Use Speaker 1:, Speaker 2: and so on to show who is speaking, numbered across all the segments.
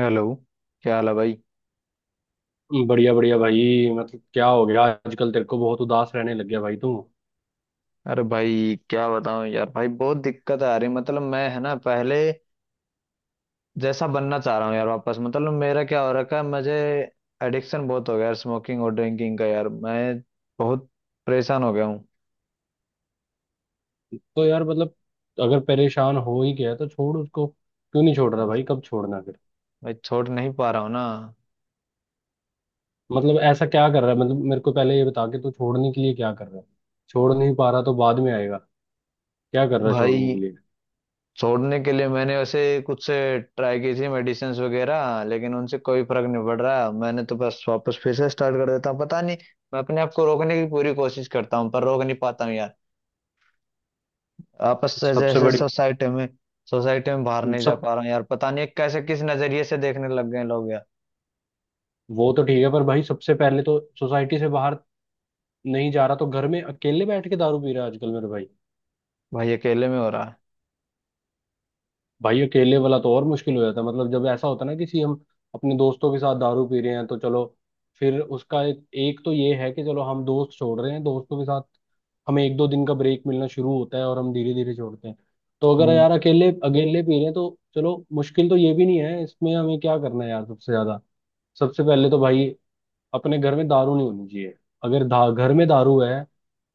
Speaker 1: Hello. क्या हाल है भाई?
Speaker 2: बढ़िया बढ़िया भाई। मतलब क्या हो गया आजकल? तेरे को बहुत उदास रहने लग गया भाई तू।
Speaker 1: अरे भाई, क्या बताऊं यार। भाई बहुत दिक्कत आ रही, मतलब मैं है ना, पहले जैसा बनना चाह रहा हूँ यार वापस। मतलब मेरा क्या हो रखा है, मुझे एडिक्शन बहुत हो गया यार, स्मोकिंग और ड्रिंकिंग का। यार मैं बहुत परेशान हो गया हूँ।
Speaker 2: तो यार मतलब अगर परेशान हो ही गया तो छोड़ उसको, क्यों नहीं छोड़ रहा भाई? कब छोड़ना फिर?
Speaker 1: भाई छोड़ नहीं पा रहा हूँ ना।
Speaker 2: मतलब ऐसा क्या कर रहा है? मतलब मेरे को पहले ये बता के तू छोड़ने के लिए क्या कर रहा है। छोड़ नहीं पा रहा तो बाद में आएगा। क्या कर रहा है छोड़ने
Speaker 1: भाई
Speaker 2: के लिए?
Speaker 1: छोड़ने के लिए मैंने वैसे कुछ से ट्राई की थी, मेडिसिन वगैरह, लेकिन उनसे कोई फर्क नहीं पड़ रहा। मैंने तो बस वापस फिर से स्टार्ट कर देता हूँ। पता नहीं, मैं अपने आप को रोकने की पूरी कोशिश करता हूँ पर रोक नहीं पाता हूँ यार। आपस से
Speaker 2: सबसे
Speaker 1: जैसे
Speaker 2: बड़ी
Speaker 1: सोसाइटी में बाहर नहीं जा
Speaker 2: सब
Speaker 1: पा रहा हूँ यार। पता नहीं कैसे, किस नजरिए से देखने लग गए लोग यार।
Speaker 2: वो तो ठीक है पर भाई, सबसे पहले तो सोसाइटी से बाहर नहीं जा रहा तो घर में अकेले बैठ के दारू पी रहा है आजकल मेरे भाई।
Speaker 1: भाई अकेले में हो रहा है।
Speaker 2: भाई अकेले वाला तो और मुश्किल हो जाता है। मतलब जब ऐसा होता है ना, किसी हम अपने दोस्तों के साथ दारू पी रहे हैं तो चलो, फिर उसका एक तो ये है कि चलो हम दोस्त छोड़ रहे हैं, दोस्तों के साथ हमें एक दो दिन का ब्रेक मिलना शुरू होता है और हम धीरे धीरे छोड़ते हैं। तो अगर
Speaker 1: हम्म।
Speaker 2: यार अकेले अकेले पी रहे हैं तो चलो, मुश्किल तो ये भी नहीं है। इसमें हमें क्या करना है यार? सबसे ज्यादा सबसे पहले तो भाई अपने घर में दारू नहीं होनी चाहिए। अगर घर में दारू है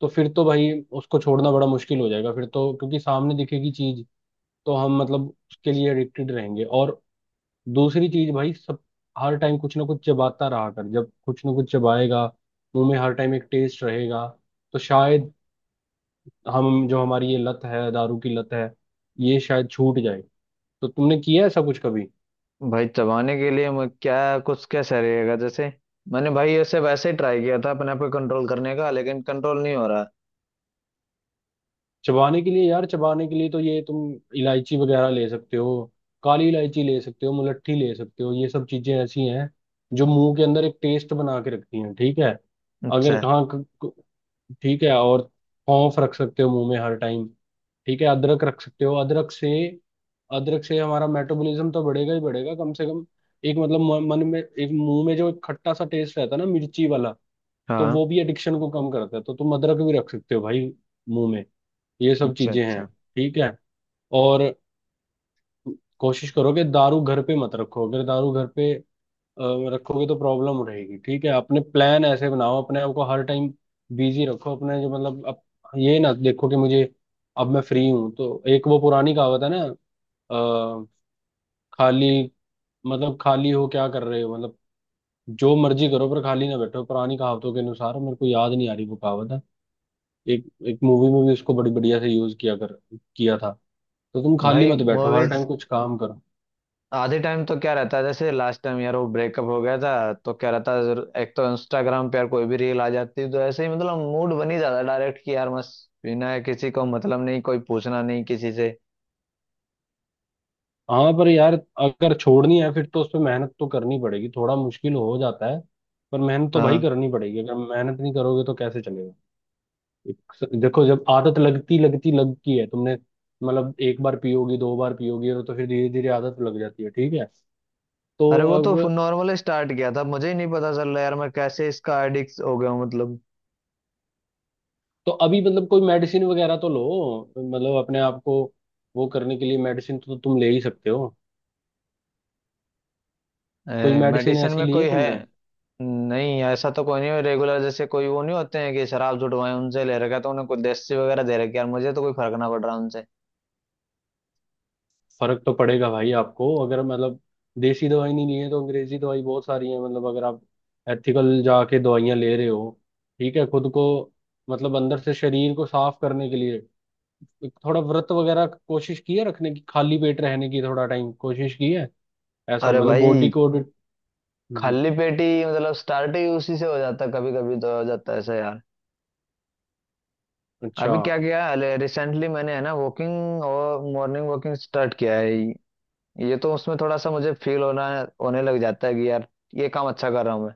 Speaker 2: तो फिर तो भाई उसको छोड़ना बड़ा मुश्किल हो जाएगा फिर तो, क्योंकि सामने दिखेगी चीज, तो हम मतलब उसके लिए एडिक्टेड रहेंगे। और दूसरी चीज भाई सब हर टाइम कुछ ना कुछ चबाता रहा कर। जब कुछ ना कुछ चबाएगा मुंह में हर टाइम एक टेस्ट रहेगा, तो शायद हम जो हमारी ये लत है, दारू की लत है, ये शायद छूट जाए। तो तुमने किया ऐसा कुछ कभी?
Speaker 1: भाई चबाने के लिए मैं क्या, कुछ कैसा रहेगा? जैसे मैंने भाई ऐसे वैसे ही ट्राई किया था अपने पे कंट्रोल करने का, लेकिन कंट्रोल नहीं हो रहा।
Speaker 2: चबाने के लिए यार चबाने के लिए तो ये तुम इलायची वगैरह ले सकते हो, काली इलायची ले सकते हो, मुलट्ठी ले सकते हो। ये सब चीजें ऐसी हैं जो मुंह के अंदर एक टेस्ट बना के रखती हैं, ठीक है? अगर
Speaker 1: अच्छा।
Speaker 2: कहाँ ठीक है। और सौंफ रख सकते हो मुंह में हर टाइम, ठीक है? अदरक रख सकते हो। अदरक से हमारा मेटाबॉलिज्म तो बढ़ेगा ही बढ़ेगा। कम से कम एक मतलब मन में एक, मुंह में जो एक खट्टा सा टेस्ट रहता है ना मिर्ची वाला, तो वो
Speaker 1: हाँ।
Speaker 2: भी एडिक्शन को कम करता है। तो तुम अदरक भी रख सकते हो भाई मुंह में। ये सब
Speaker 1: अच्छा,
Speaker 2: चीजें हैं,
Speaker 1: अच्छा।
Speaker 2: ठीक है? और कोशिश करो कि दारू घर पे मत रखो। अगर दारू घर पे अ, रखोगे तो प्रॉब्लम रहेगी, ठीक है? अपने प्लान ऐसे बनाओ, अपने आप को हर टाइम बिजी रखो। अपने जो मतलब अब ये ना देखो कि मुझे अब मैं फ्री हूं। तो एक वो पुरानी कहावत है ना, अ, खाली मतलब खाली हो क्या कर रहे हो, मतलब जो मर्जी करो पर खाली ना बैठो। पुरानी कहावतों के अनुसार, मेरे को याद नहीं आ रही वो कहावत है। एक एक मूवी में भी उसको बड़ी बढ़िया से यूज किया कर किया था। तो तुम खाली
Speaker 1: भाई
Speaker 2: मत बैठो, हर टाइम
Speaker 1: मूवीज,
Speaker 2: कुछ काम करो।
Speaker 1: आधे टाइम तो क्या रहता है? जैसे लास्ट टाइम यार वो ब्रेकअप हो गया था तो क्या रहता है, एक तो इंस्टाग्राम पे यार कोई भी रील आ जाती है तो ऐसे ही मतलब मूड बन ही जाता डायरेक्ट कि यार बस, बिना किसी को मतलब नहीं, कोई पूछना नहीं किसी से।
Speaker 2: हाँ पर यार अगर छोड़नी है फिर तो उस पर मेहनत तो करनी पड़ेगी। थोड़ा मुश्किल हो जाता है पर मेहनत तो भाई
Speaker 1: हाँ।
Speaker 2: करनी पड़ेगी। अगर मेहनत नहीं करोगे तो कैसे चलेगा? एक, देखो जब आदत लगती लगती लगती है तुमने, मतलब एक बार पियोगी दो बार पियोगी और तो फिर धीरे धीरे आदत लग जाती है, ठीक है? तो
Speaker 1: अरे वो तो
Speaker 2: अब
Speaker 1: नॉर्मल स्टार्ट किया था, मुझे ही नहीं पता चल रहा यार मैं कैसे इसका एडिक्ट हो गया हूँ मतलब।
Speaker 2: तो अभी मतलब कोई मेडिसिन वगैरह तो लो, मतलब अपने आप को वो करने के लिए मेडिसिन तो तुम ले ही सकते हो। कोई मेडिसिन
Speaker 1: मेडिसिन
Speaker 2: ऐसी
Speaker 1: में
Speaker 2: ली
Speaker 1: कोई
Speaker 2: है
Speaker 1: है?
Speaker 2: तुमने?
Speaker 1: नहीं, ऐसा तो कोई नहीं है रेगुलर, जैसे कोई वो नहीं होते हैं कि शराब जुटवाए। उनसे ले रखा है, तो उन्हें कुछ देसी वगैरह दे रखी है। यार मुझे तो कोई फर्क ना पड़ रहा उनसे।
Speaker 2: फर्क तो पड़ेगा भाई आपको। अगर मतलब देसी दवाई नहीं ली है तो अंग्रेजी दवाई बहुत सारी है। मतलब अगर आप एथिकल जाके दवाइयाँ ले रहे हो, ठीक है, खुद को मतलब अंदर से शरीर को साफ करने के लिए एक थोड़ा व्रत वगैरह कोशिश की है रखने की? खाली पेट रहने की थोड़ा टाइम कोशिश की है? ऐसा
Speaker 1: अरे
Speaker 2: मतलब
Speaker 1: भाई!
Speaker 2: बॉडी को। हम्म,
Speaker 1: खाली पेट ही मतलब स्टार्ट ही उसी से हो जाता, कभी कभी तो हो जाता है ऐसा यार।
Speaker 2: अच्छा।
Speaker 1: अभी क्या किया? रिसेंटली मैंने है ना वॉकिंग और मॉर्निंग वॉकिंग स्टार्ट किया है। ये तो उसमें थोड़ा सा मुझे फील होना होने लग जाता है कि यार ये काम अच्छा कर रहा हूँ मैं।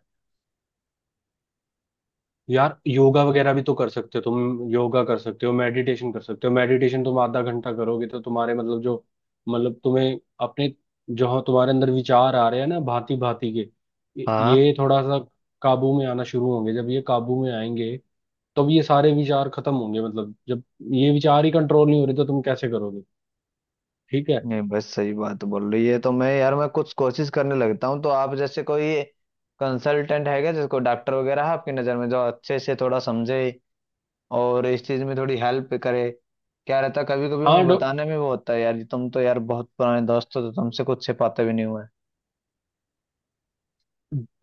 Speaker 2: यार योगा वगैरह भी तो कर सकते हो, तुम योगा कर सकते हो, मेडिटेशन कर सकते हो। मेडिटेशन तुम आधा घंटा करोगे तो तुम्हारे मतलब जो मतलब तुम्हें अपने जो तुम्हारे अंदर विचार आ रहे हैं ना भांति भांति के, ये
Speaker 1: हाँ।
Speaker 2: थोड़ा सा काबू में आना शुरू होंगे। जब ये काबू में आएंगे तब ये सारे विचार खत्म होंगे। मतलब जब ये विचार ही कंट्रोल नहीं हो रहे तो तुम कैसे करोगे? ठीक है।
Speaker 1: नहीं बस सही बात बोल रही है तो मैं कुछ कोशिश करने लगता हूँ। तो आप जैसे कोई कंसल्टेंट है क्या, जिसको डॉक्टर वगैरह है आपकी नज़र में, जो अच्छे से थोड़ा समझे और इस चीज में थोड़ी हेल्प करे। क्या रहता, कभी कभी
Speaker 2: हाँ
Speaker 1: मैं
Speaker 2: डॉ
Speaker 1: बताने में वो होता है यार। तुम तो यार बहुत पुराने दोस्त हो तो तुमसे कुछ छिपाते भी नहीं हुए।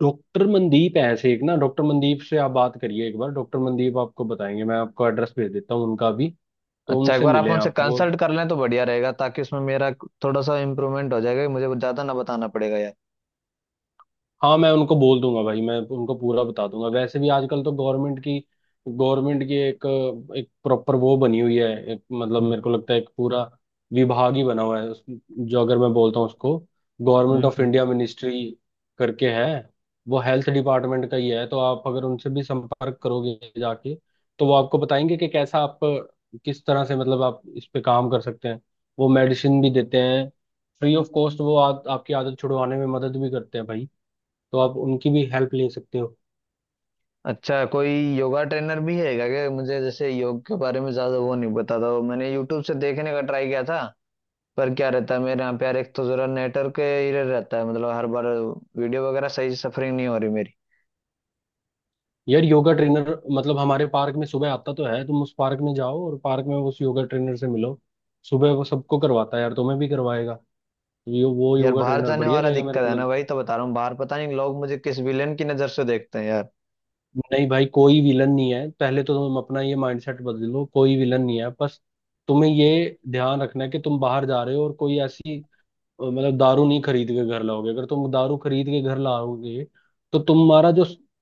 Speaker 2: डॉक्टर मनदीप है ऐसे एक ना, डॉक्टर मनदीप से आप बात करिए एक बार। डॉक्टर मनदीप आपको बताएंगे, मैं आपको एड्रेस भेज देता हूँ उनका भी। तो
Speaker 1: अच्छा, एक
Speaker 2: उनसे
Speaker 1: बार आप
Speaker 2: मिले
Speaker 1: उनसे
Speaker 2: आप वो।
Speaker 1: कंसल्ट कर लें तो बढ़िया रहेगा, ताकि उसमें मेरा थोड़ा सा इम्प्रूवमेंट हो जाएगा, मुझे वो ज्यादा ना बताना पड़ेगा यार।
Speaker 2: हाँ मैं उनको बोल दूंगा भाई, मैं उनको पूरा बता दूंगा। वैसे भी आजकल तो गवर्नमेंट की एक एक प्रॉपर वो बनी हुई है। मतलब मेरे
Speaker 1: हम्म,
Speaker 2: को लगता है एक पूरा विभाग ही बना हुआ है जो अगर मैं बोलता हूँ उसको
Speaker 1: hmm,
Speaker 2: government of India ministry करके है, वो हेल्थ डिपार्टमेंट का ही है। तो आप अगर उनसे भी संपर्क करोगे जाके, तो वो आपको बताएंगे कि कैसा आप किस तरह से मतलब आप इस पे काम कर सकते हैं। वो मेडिसिन भी देते हैं फ्री ऑफ कॉस्ट। वो आपकी आदत छुड़वाने में मदद भी करते हैं भाई। तो आप उनकी भी हेल्प ले सकते हो।
Speaker 1: अच्छा कोई योगा ट्रेनर भी है क्या? क्या, मुझे जैसे योग के बारे में ज्यादा वो नहीं पता था। वो मैंने यूट्यूब से देखने का ट्राई किया था। पर क्या रहता है, मेरे यहाँ पे यार एक तो जरा नेटवर्क एरर रहता है, मतलब हर बार वीडियो वगैरह सही सफरिंग नहीं हो रही मेरी।
Speaker 2: यार योगा ट्रेनर मतलब हमारे पार्क में सुबह आता तो है, तुम उस पार्क में जाओ और पार्क में उस योगा ट्रेनर से मिलो। सुबह वो सबको करवाता है यार, तुम्हें भी करवाएगा। वो
Speaker 1: यार
Speaker 2: योगा
Speaker 1: बाहर
Speaker 2: ट्रेनर
Speaker 1: जाने
Speaker 2: बढ़िया
Speaker 1: वाला
Speaker 2: रहेगा मेरे
Speaker 1: दिक्कत
Speaker 2: को
Speaker 1: है ना
Speaker 2: लग।
Speaker 1: भाई, तो बता रहा हूँ, बाहर पता नहीं लोग मुझे किस विलेन की नजर से देखते हैं यार।
Speaker 2: नहीं भाई, कोई विलन नहीं है। पहले तो तुम अपना ये माइंडसेट बदल लो, कोई विलन नहीं है। बस तुम्हें ये ध्यान रखना है कि तुम बाहर जा रहे हो और कोई ऐसी मतलब दारू नहीं खरीद के घर लाओगे। अगर तुम दारू खरीद के घर लाओगे तो तुम्हारा जो अब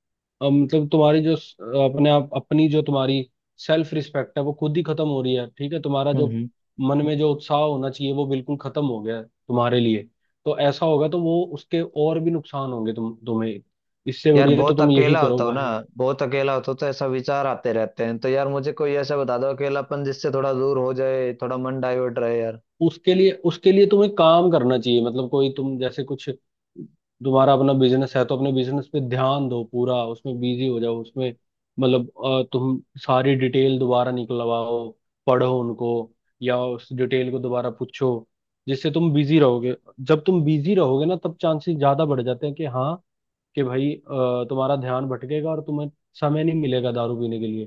Speaker 2: मतलब तुम्हारी जो अपने आप अपनी जो तुम्हारी सेल्फ रिस्पेक्ट है, वो खुद ही खत्म हो रही है, ठीक है? तुम्हारा
Speaker 1: हम्म,
Speaker 2: जो मन में जो उत्साह होना चाहिए वो बिल्कुल खत्म हो गया है तुम्हारे लिए। तो ऐसा होगा तो वो उसके और भी नुकसान होंगे तुम तुम्हें। इससे
Speaker 1: यार
Speaker 2: बढ़िया तो
Speaker 1: बहुत
Speaker 2: तुम यही
Speaker 1: अकेला
Speaker 2: करो
Speaker 1: होता हूँ ना,
Speaker 2: भाई।
Speaker 1: बहुत अकेला होता हूँ तो ऐसा विचार आते रहते हैं। तो यार मुझे कोई ऐसा बता दो अकेलापन जिससे थोड़ा दूर हो जाए, थोड़ा मन डाइवर्ट रहे यार।
Speaker 2: उसके लिए तुम्हें काम करना चाहिए। मतलब कोई तुम जैसे कुछ, तुम्हारा अपना बिजनेस है तो अपने बिजनेस पे ध्यान दो पूरा, उसमें बिजी हो जाओ। उसमें मतलब तुम सारी डिटेल दोबारा निकलवाओ, पढ़ो उनको, या उस डिटेल को दोबारा पूछो, जिससे तुम बिजी रहोगे। जब तुम बिजी रहोगे ना तब चांसेस ज्यादा बढ़ जाते हैं कि हाँ, कि भाई तुम्हारा ध्यान भटकेगा और तुम्हें समय नहीं मिलेगा दारू पीने के लिए।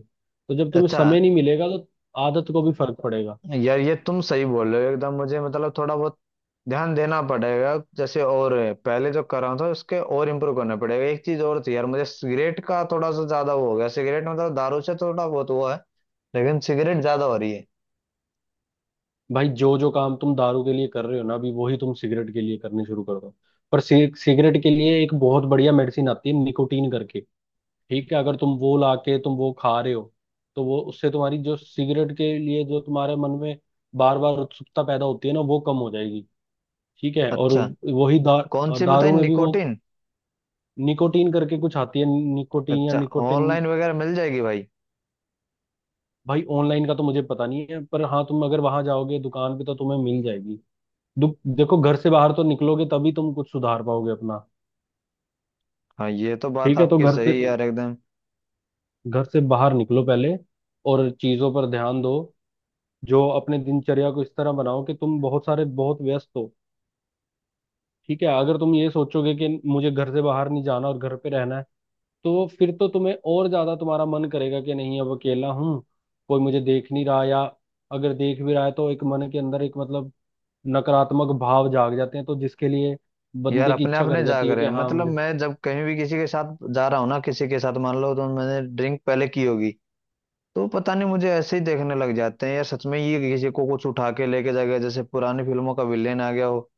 Speaker 2: तो जब तुम्हें
Speaker 1: अच्छा।
Speaker 2: समय नहीं मिलेगा तो आदत को भी फर्क पड़ेगा।
Speaker 1: यार ये तुम सही बोल रहे हो एकदम। मुझे मतलब थोड़ा बहुत ध्यान देना पड़ेगा जैसे, और पहले जो कर रहा था उसके और इम्प्रूव करना पड़ेगा। एक चीज और थी यार, मुझे सिगरेट का थोड़ा सा ज्यादा वो हो गया। सिगरेट मतलब दारू से थोड़ा बहुत वो है, लेकिन सिगरेट ज्यादा हो रही है।
Speaker 2: भाई जो जो काम तुम दारू के लिए कर रहे हो ना अभी, वही तुम सिगरेट के लिए करने शुरू कर दो। पर सिगरेट के लिए एक बहुत बढ़िया मेडिसिन आती है निकोटीन करके, ठीक है? अगर तुम वो ला के तुम वो खा रहे हो तो वो, उससे तुम्हारी जो सिगरेट के लिए जो तुम्हारे मन में बार बार उत्सुकता पैदा होती है ना, वो कम हो जाएगी, ठीक है? और
Speaker 1: अच्छा,
Speaker 2: वही
Speaker 1: कौन सी बताई,
Speaker 2: दारू में भी वो
Speaker 1: निकोटिन?
Speaker 2: निकोटीन करके कुछ आती है। निकोटीन या
Speaker 1: अच्छा,
Speaker 2: निकोटिन।
Speaker 1: ऑनलाइन वगैरह मिल जाएगी भाई?
Speaker 2: भाई ऑनलाइन का तो मुझे पता नहीं है, पर हाँ तुम अगर वहां जाओगे दुकान पे तो तुम्हें मिल जाएगी। दुख देखो, घर से बाहर तो निकलोगे तभी तुम कुछ सुधार पाओगे अपना,
Speaker 1: हाँ, ये तो बात
Speaker 2: ठीक है? तो
Speaker 1: आपकी
Speaker 2: घर
Speaker 1: सही है
Speaker 2: से
Speaker 1: यार एकदम।
Speaker 2: घर से बाहर निकलो पहले और चीजों पर ध्यान दो। जो अपने दिनचर्या को इस तरह बनाओ कि तुम बहुत सारे बहुत व्यस्त हो, ठीक है? अगर तुम ये सोचोगे कि मुझे घर से बाहर नहीं जाना और घर पे रहना है, तो फिर तो तुम्हें और ज्यादा तुम्हारा मन करेगा कि नहीं अब अकेला हूँ, कोई मुझे देख नहीं रहा, या अगर देख भी रहा है तो एक मन के अंदर एक मतलब नकारात्मक भाव जाग जाते हैं, तो जिसके लिए
Speaker 1: यार
Speaker 2: बंदे की
Speaker 1: अपने
Speaker 2: इच्छा
Speaker 1: आप
Speaker 2: कर
Speaker 1: नहीं जाग
Speaker 2: जाती है
Speaker 1: रहे
Speaker 2: कि
Speaker 1: हैं,
Speaker 2: हाँ
Speaker 1: मतलब
Speaker 2: मुझे।
Speaker 1: मैं जब कहीं भी किसी के साथ जा रहा हूँ ना, किसी के साथ मान लो तो मैंने ड्रिंक पहले की होगी, तो पता नहीं मुझे ऐसे ही देखने लग जाते हैं यार। सच में, ये किसी को कुछ उठा के लेके जा गया जैसे पुरानी फिल्मों का विलेन आ गया हो।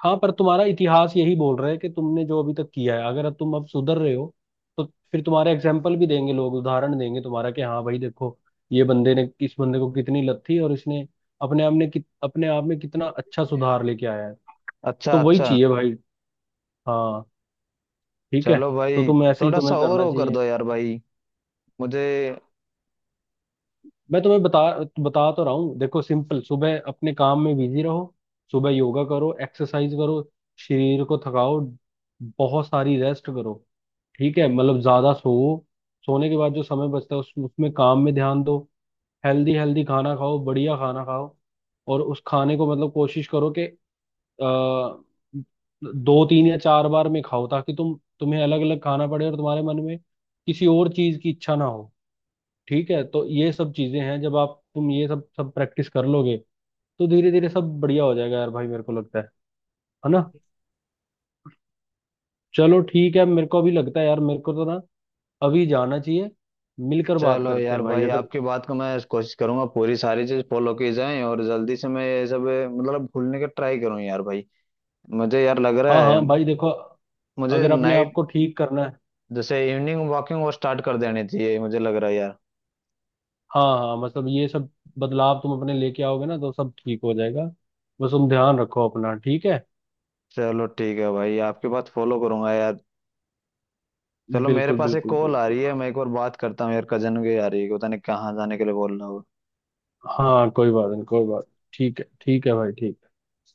Speaker 2: हाँ पर तुम्हारा इतिहास यही बोल रहा है कि तुमने जो अभी तक किया है, अगर तुम अब सुधर रहे हो तो फिर तुम्हारे एग्जाम्पल भी देंगे लोग, उदाहरण देंगे तुम्हारा, कि हाँ भाई देखो, ये बंदे ने इस बंदे को कितनी लत थी और इसने अपने आप ने अपने आप में कितना अच्छा सुधार लेके आया है।
Speaker 1: अच्छा,
Speaker 2: तो वही
Speaker 1: अच्छा।
Speaker 2: चाहिए भाई। हाँ, ठीक है।
Speaker 1: चलो
Speaker 2: तो
Speaker 1: भाई।
Speaker 2: तुम ऐसे ही,
Speaker 1: थोड़ा सा
Speaker 2: तुम्हें
Speaker 1: और
Speaker 2: करना
Speaker 1: वो कर
Speaker 2: चाहिए।
Speaker 1: दो यार भाई, मुझे।
Speaker 2: मैं तुम्हें बता बता तो रहा हूँ। देखो सिंपल, सुबह अपने काम में बिजी रहो, सुबह योगा करो, एक्सरसाइज करो, शरीर को थकाओ, बहुत सारी रेस्ट करो, ठीक है? मतलब ज्यादा सो, सोने के बाद जो समय बचता है उसमें काम में ध्यान दो। हेल्दी हेल्दी खाना खाओ, बढ़िया खाना खाओ, और उस खाने को मतलब कोशिश करो कि अ, दो तीन या चार बार में खाओ, ताकि तुम तुम्हें अलग अलग खाना पड़े और तुम्हारे मन में किसी और चीज की इच्छा ना हो, ठीक है? तो ये सब चीजें हैं, जब आप तुम ये सब सब प्रैक्टिस कर लोगे तो धीरे धीरे सब बढ़िया हो जाएगा यार भाई, मेरे को लगता है ना? चलो ठीक है, मेरे को अभी लगता है यार, मेरे को तो ना अभी जाना चाहिए, मिलकर बात
Speaker 1: चलो
Speaker 2: करते
Speaker 1: यार
Speaker 2: हैं भाई
Speaker 1: भाई
Speaker 2: अगर।
Speaker 1: आपकी बात को मैं कोशिश करूंगा, पूरी सारी चीज फॉलो की जाए, और जल्दी से मैं ये सब मतलब भूलने का ट्राई करूँ यार भाई। मुझे यार लग
Speaker 2: हाँ
Speaker 1: रहा है,
Speaker 2: हाँ भाई देखो,
Speaker 1: मुझे
Speaker 2: अगर अपने आप
Speaker 1: नाइट
Speaker 2: को ठीक करना है।
Speaker 1: जैसे इवनिंग वॉकिंग वो स्टार्ट कर देनी चाहिए, मुझे लग रहा है यार।
Speaker 2: हाँ हाँ, मतलब ये सब बदलाव तुम अपने लेके आओगे ना तो सब ठीक हो जाएगा। बस तुम ध्यान रखो अपना, ठीक है?
Speaker 1: चलो ठीक है भाई, आपकी बात फॉलो करूंगा यार। चलो, मेरे
Speaker 2: बिल्कुल
Speaker 1: पास एक
Speaker 2: बिल्कुल
Speaker 1: कॉल आ रही
Speaker 2: बिल्कुल।
Speaker 1: है, मैं एक बार बात करता हूँ यार। कजन की आ रही है, पता नहीं कहाँ जाने के लिए बोल रहा हूँ।
Speaker 2: हाँ, कोई बात नहीं, कोई बात। ठीक है, ठीक है भाई, ठीक।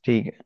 Speaker 1: ठीक है।